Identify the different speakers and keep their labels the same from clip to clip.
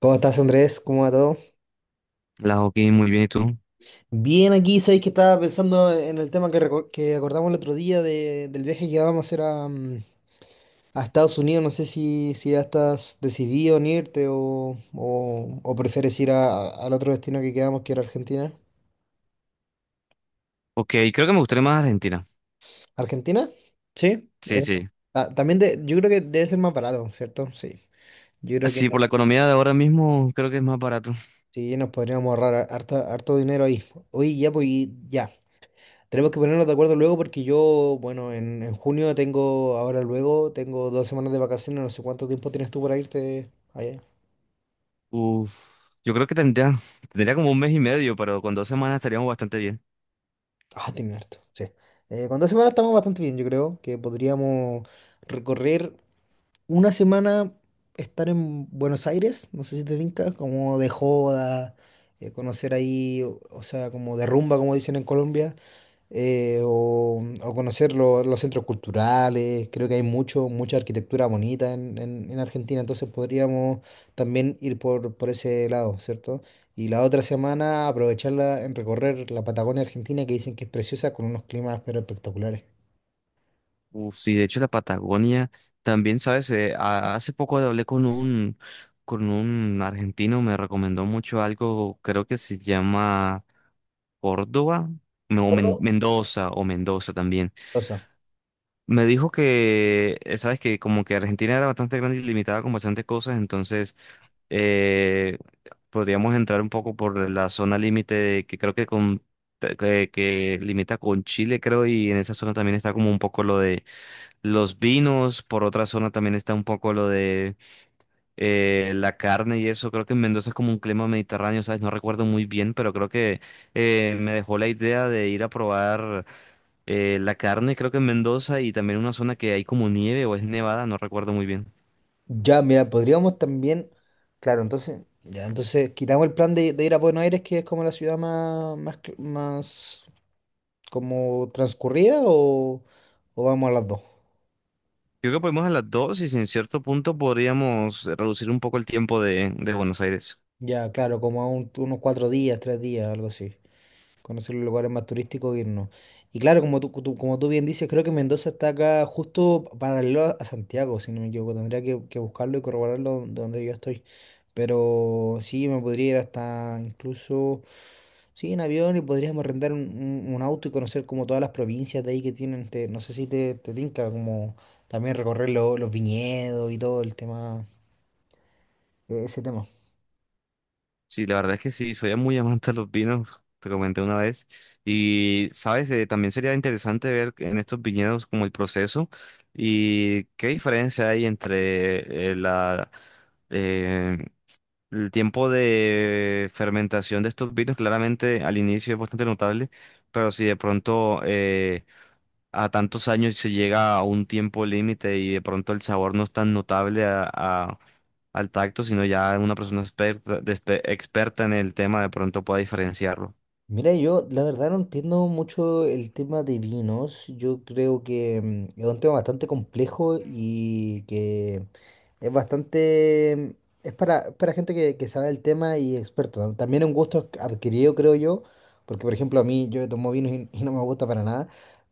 Speaker 1: ¿Cómo estás, Andrés? ¿Cómo va todo?
Speaker 2: La hockey, muy bien, ¿y tú?
Speaker 1: Bien, aquí sabéis que estaba pensando en el tema que acordamos el otro día del viaje que vamos a hacer a a Estados Unidos. No sé si ya estás decidido en irte o prefieres ir al otro destino que quedamos, que era Argentina.
Speaker 2: Ok, creo que me gustaría más Argentina.
Speaker 1: ¿Argentina? Sí.
Speaker 2: Sí, sí.
Speaker 1: También yo creo que debe ser más barato, ¿cierto? Sí. Yo creo que
Speaker 2: Sí, por la economía de ahora mismo creo que es más barato.
Speaker 1: sí, nos podríamos ahorrar harto dinero ahí. Oye, ya, pues ya. Tenemos que ponernos de acuerdo luego porque yo, bueno, en junio tengo, ahora luego, tengo dos semanas de vacaciones, no sé cuánto tiempo tienes tú para irte allá.
Speaker 2: Uf, yo creo que tendría, tendría como un mes y medio, pero con dos semanas estaríamos bastante bien.
Speaker 1: Ah, tienes harto, sí. Con dos semanas estamos bastante bien, yo creo que podríamos recorrer una semana, estar en Buenos Aires, no sé si te tinca, como de joda, conocer ahí, o sea, como de rumba, como dicen en Colombia. O o conocer los centros culturales. Creo que hay mucha arquitectura bonita en Argentina, entonces podríamos también ir por ese lado, ¿cierto? Y la otra semana aprovecharla en recorrer la Patagonia Argentina, que dicen que es preciosa, con unos climas pero espectaculares.
Speaker 2: Uf, sí, de hecho la Patagonia también, ¿sabes? Hace poco hablé con con un argentino, me recomendó mucho algo, creo que se llama Córdoba, no, Mendoza o Mendoza también.
Speaker 1: Eso.
Speaker 2: Me dijo que, sabes que como que Argentina era bastante grande y limitada con bastantes cosas, entonces eh, podríamos entrar un poco por la zona que creo que que limita con Chile, creo, y en esa zona también está como un poco lo de los vinos, por otra zona también está un poco lo de la carne y eso. Creo que en Mendoza es como un clima mediterráneo, ¿sabes? No recuerdo muy bien, pero creo que me dejó la idea de ir a probar. La carne creo que en Mendoza y también una zona que hay como nieve o es nevada, no recuerdo muy bien.
Speaker 1: Ya, mira, podríamos también, claro, entonces, ya, entonces quitamos el plan de ir a Buenos Aires, que es como la ciudad más como transcurrida, o vamos a las dos.
Speaker 2: Creo que podemos a las dos y si en cierto punto podríamos reducir un poco el tiempo de Buenos Aires.
Speaker 1: Ya, claro, como a unos cuatro días, tres días, algo así. Conocer los lugares más turísticos e irnos. Y claro, como tú bien dices, creo que Mendoza está acá justo paralelo a Santiago, si no me equivoco. Tendría que buscarlo y corroborarlo de donde yo estoy. Pero sí, me podría ir hasta incluso, sí, en avión y podríamos rentar un auto y conocer como todas las provincias de ahí que tienen. No sé si te tinca, como también recorrer los viñedos y todo el tema, ese tema.
Speaker 2: Sí, la verdad es que sí, soy muy amante de los vinos, te comenté una vez. Y, sabes, eh, también sería interesante ver en estos viñedos como el proceso y qué diferencia hay entre eh, el tiempo de fermentación de estos vinos claramente al inicio es bastante notable, pero si de pronto a tantos años se llega a un tiempo límite y de pronto el sabor no es tan notable al tacto, sino ya una persona experta, experta en el tema de pronto pueda diferenciarlo.
Speaker 1: Mira, yo la verdad no entiendo mucho el tema de vinos. Yo creo que es un tema bastante complejo y que es bastante. Es para gente que sabe el tema y experto. También es un gusto adquirido, creo yo, porque por ejemplo a mí yo tomo vinos y no me gusta para nada,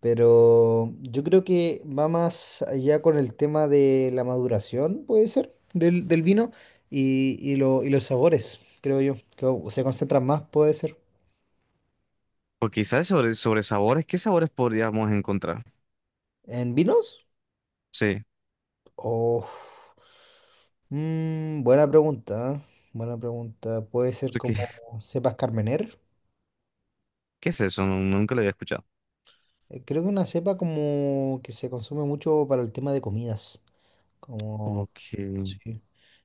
Speaker 1: pero yo creo que va más allá con el tema de la maduración, puede ser, del vino y los sabores, creo yo. Que se concentran más, puede ser.
Speaker 2: O quizás sobre sabores, ¿qué sabores podríamos encontrar?
Speaker 1: ¿En vinos?
Speaker 2: Sí,
Speaker 1: Oh, buena pregunta, ¿eh? Buena pregunta. Puede ser como
Speaker 2: porque-
Speaker 1: cepas Carmener.
Speaker 2: ¿qué es eso? Nunca lo había escuchado.
Speaker 1: Creo que una cepa como que se consume mucho para el tema de comidas. Como,
Speaker 2: Ok.
Speaker 1: sí,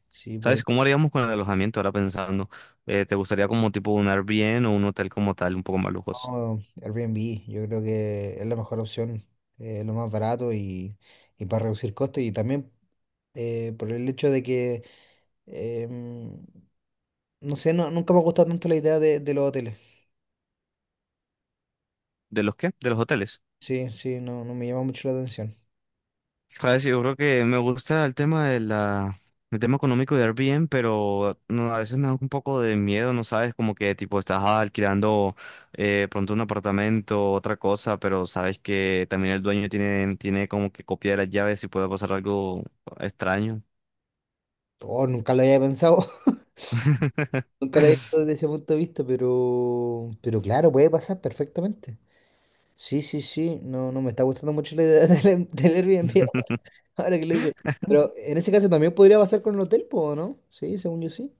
Speaker 1: sí, puede.
Speaker 2: ¿Sabes cómo haríamos con el alojamiento ahora pensando? ¿Te gustaría como tipo un Airbnb o un hotel como tal, un poco más lujoso?
Speaker 1: No, Airbnb, yo creo que es la mejor opción, lo más barato y para reducir costos. Y también por el hecho de que, em, no sé, no, nunca me ha gustado tanto la idea de los hoteles.
Speaker 2: ¿De los qué? De los hoteles.
Speaker 1: Sí, sí, no, no me llama mucho la atención.
Speaker 2: ¿Sabes? Yo creo que me gusta el tema de la... el tema económico de Airbnb, pero no, a veces me da un poco de miedo, ¿no sabes? Como que tipo estás alquilando pronto un apartamento, otra cosa, pero sabes que también el dueño tiene, tiene como que copia de las llaves y puede pasar algo extraño.
Speaker 1: Oh, nunca lo había pensado, nunca lo había visto desde ese punto de vista, pero claro, puede pasar perfectamente. Sí, sí, sí, no, no me está gustando mucho la idea del Airbnb ahora que lo dice. Pero en ese caso también podría pasar con el hotel, po, ¿o ¿no? Sí, según yo sí.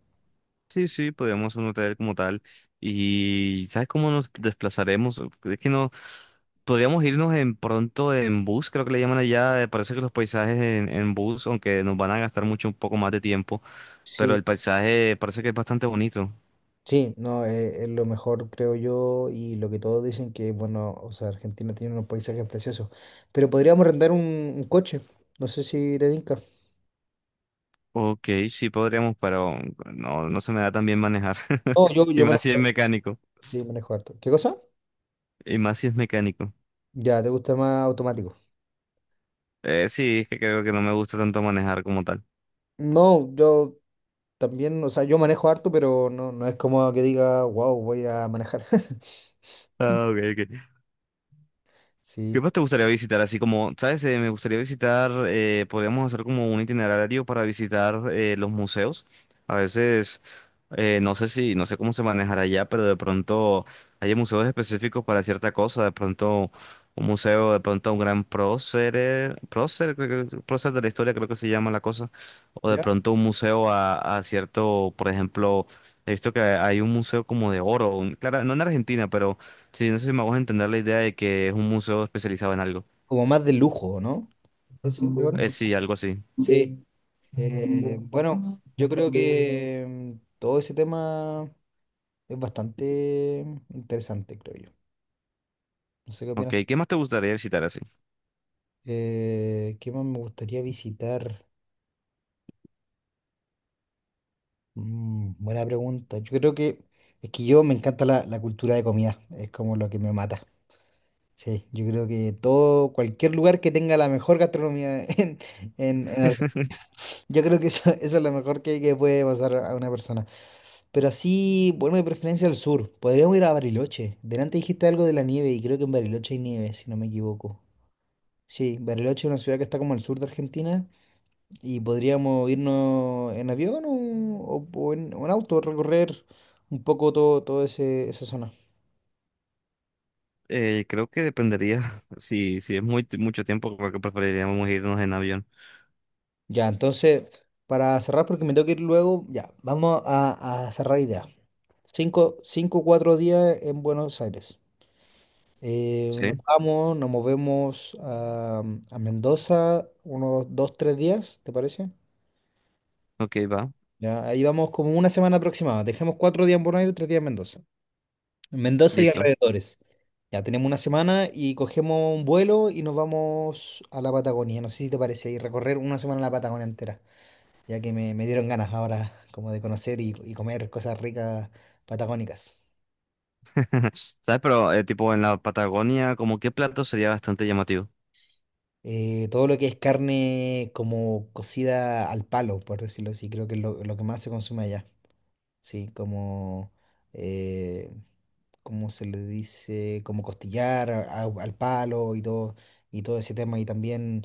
Speaker 2: Sí, sí, podríamos un hotel como tal. Y ¿sabes cómo nos desplazaremos? Es que no. Podríamos irnos en pronto en bus, creo que le llaman allá. Parece que los paisajes en bus, aunque nos van a gastar mucho un poco más de tiempo, pero
Speaker 1: Sí,
Speaker 2: el paisaje parece que es bastante bonito.
Speaker 1: sí, no, es, lo mejor, creo yo, y lo que todos dicen que, bueno, o sea, Argentina tiene unos paisajes preciosos, pero podríamos rentar un coche, no sé si te tinca.
Speaker 2: Ok, sí podríamos, pero no, no se me da tan bien manejar.
Speaker 1: No,
Speaker 2: Y
Speaker 1: yo
Speaker 2: más
Speaker 1: manejo,
Speaker 2: si es
Speaker 1: harto,
Speaker 2: mecánico.
Speaker 1: sí, manejo harto. ¿Qué cosa?
Speaker 2: Y más si es mecánico.
Speaker 1: Ya, ¿te gusta más automático?
Speaker 2: Sí, es que creo que no me gusta tanto manejar como tal.
Speaker 1: No, yo también, o sea, yo manejo harto, pero no, no es como que diga, wow, voy a manejar.
Speaker 2: Ah, ok, ok.
Speaker 1: Sí,
Speaker 2: ¿Qué más te gustaría visitar? Así como, ¿sabes? Me gustaría visitar, podríamos hacer como un itinerario para visitar los museos. A veces, no sé si, no sé cómo se manejará allá, pero de pronto hay museos específicos para cierta cosa. De pronto, un museo, de pronto un gran prócer de la historia, creo que se llama la cosa. O de
Speaker 1: ¿ya?
Speaker 2: pronto un museo a cierto, por ejemplo, he visto que hay un museo como de oro. Claro, no en Argentina, pero sí, no sé si me hago entender la idea de que es un museo especializado en algo.
Speaker 1: Como más de lujo, ¿no? Eso, Leona.
Speaker 2: Sí, algo así.
Speaker 1: Sí, bueno, yo creo que todo ese tema es bastante interesante, creo yo. No sé qué
Speaker 2: Ok,
Speaker 1: opinas.
Speaker 2: ¿qué más te gustaría visitar así?
Speaker 1: ¿Qué más me gustaría visitar? Buena pregunta. Yo creo que es que yo me encanta la cultura de comida, es como lo que me mata. Sí, yo creo que todo, cualquier lugar que tenga la mejor gastronomía en Argentina, yo creo que eso es lo mejor que puede pasar a una persona. Pero así, bueno, de preferencia al sur. Podríamos ir a Bariloche. Delante dijiste algo de la nieve y creo que en Bariloche hay nieve, si no me equivoco. Sí, Bariloche es una ciudad que está como al sur de Argentina y podríamos irnos en avión o en auto, recorrer un poco todo, todo esa zona.
Speaker 2: Creo que dependería. Si es muy, mucho tiempo, creo que preferiríamos irnos en avión.
Speaker 1: Ya, entonces, para cerrar, porque me tengo que ir luego, ya, vamos a cerrar ideas. Cuatro días en Buenos Aires.
Speaker 2: Sí,
Speaker 1: Nos movemos a Mendoza unos dos, tres días, ¿te parece?
Speaker 2: ok, va,
Speaker 1: Ya, ahí vamos como una semana aproximada. Dejemos cuatro días en Buenos Aires, tres días en Mendoza. En Mendoza y
Speaker 2: listo.
Speaker 1: alrededores. Ya tenemos una semana y cogemos un vuelo y nos vamos a la Patagonia. No sé si te parece, y recorrer una semana la Patagonia entera. Ya que me dieron ganas ahora como de conocer y comer cosas ricas patagónicas.
Speaker 2: ¿Sabes? Pero tipo en la Patagonia, como qué plato sería bastante llamativo.
Speaker 1: Todo lo que es carne como cocida al palo, por decirlo así, creo que es lo que más se consume allá. Sí, como, eh, ¿cómo se le dice? Como costillar al palo y todo ese tema. Y también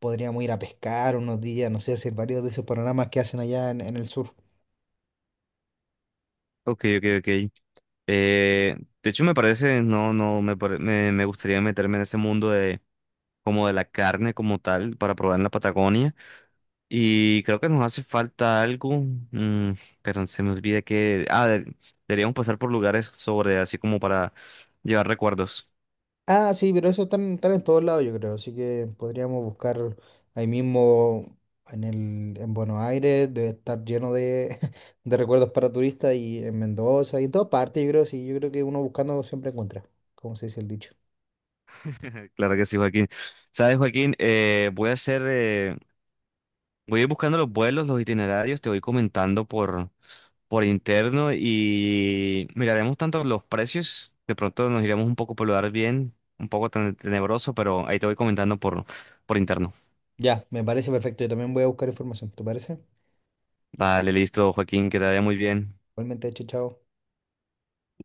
Speaker 1: podríamos ir a pescar unos días, no sé, hacer varios de esos panoramas que hacen allá en el sur.
Speaker 2: Ok, ok, ok. Eh, de hecho, me parece, no, no, me, pare- me gustaría meterme en ese mundo de como de la carne como tal para probar en la Patagonia. Y creo que nos hace falta algo, mm, pero se me olvida que... Deberíamos pasar por lugares sobre, así como para llevar recuerdos.
Speaker 1: Ah, sí, pero eso están, están en todos lados, yo creo. Así que podríamos buscar ahí mismo en Buenos Aires, debe estar lleno de, de recuerdos para turistas y en Mendoza y en todas partes, yo creo, sí, yo creo que uno buscando siempre encuentra, como se dice el dicho.
Speaker 2: Claro que sí, Joaquín. Sabes, Joaquín, voy a hacer, voy a ir buscando los vuelos, los itinerarios, te voy comentando por interno y miraremos tanto los precios, de pronto nos iremos un poco por lugar bien, un poco tenebroso, pero ahí te voy comentando por interno.
Speaker 1: Ya, me parece perfecto. Yo también voy a buscar información, ¿te parece?
Speaker 2: Vale, listo, Joaquín, que te vaya muy bien.
Speaker 1: Igualmente, chao, chao.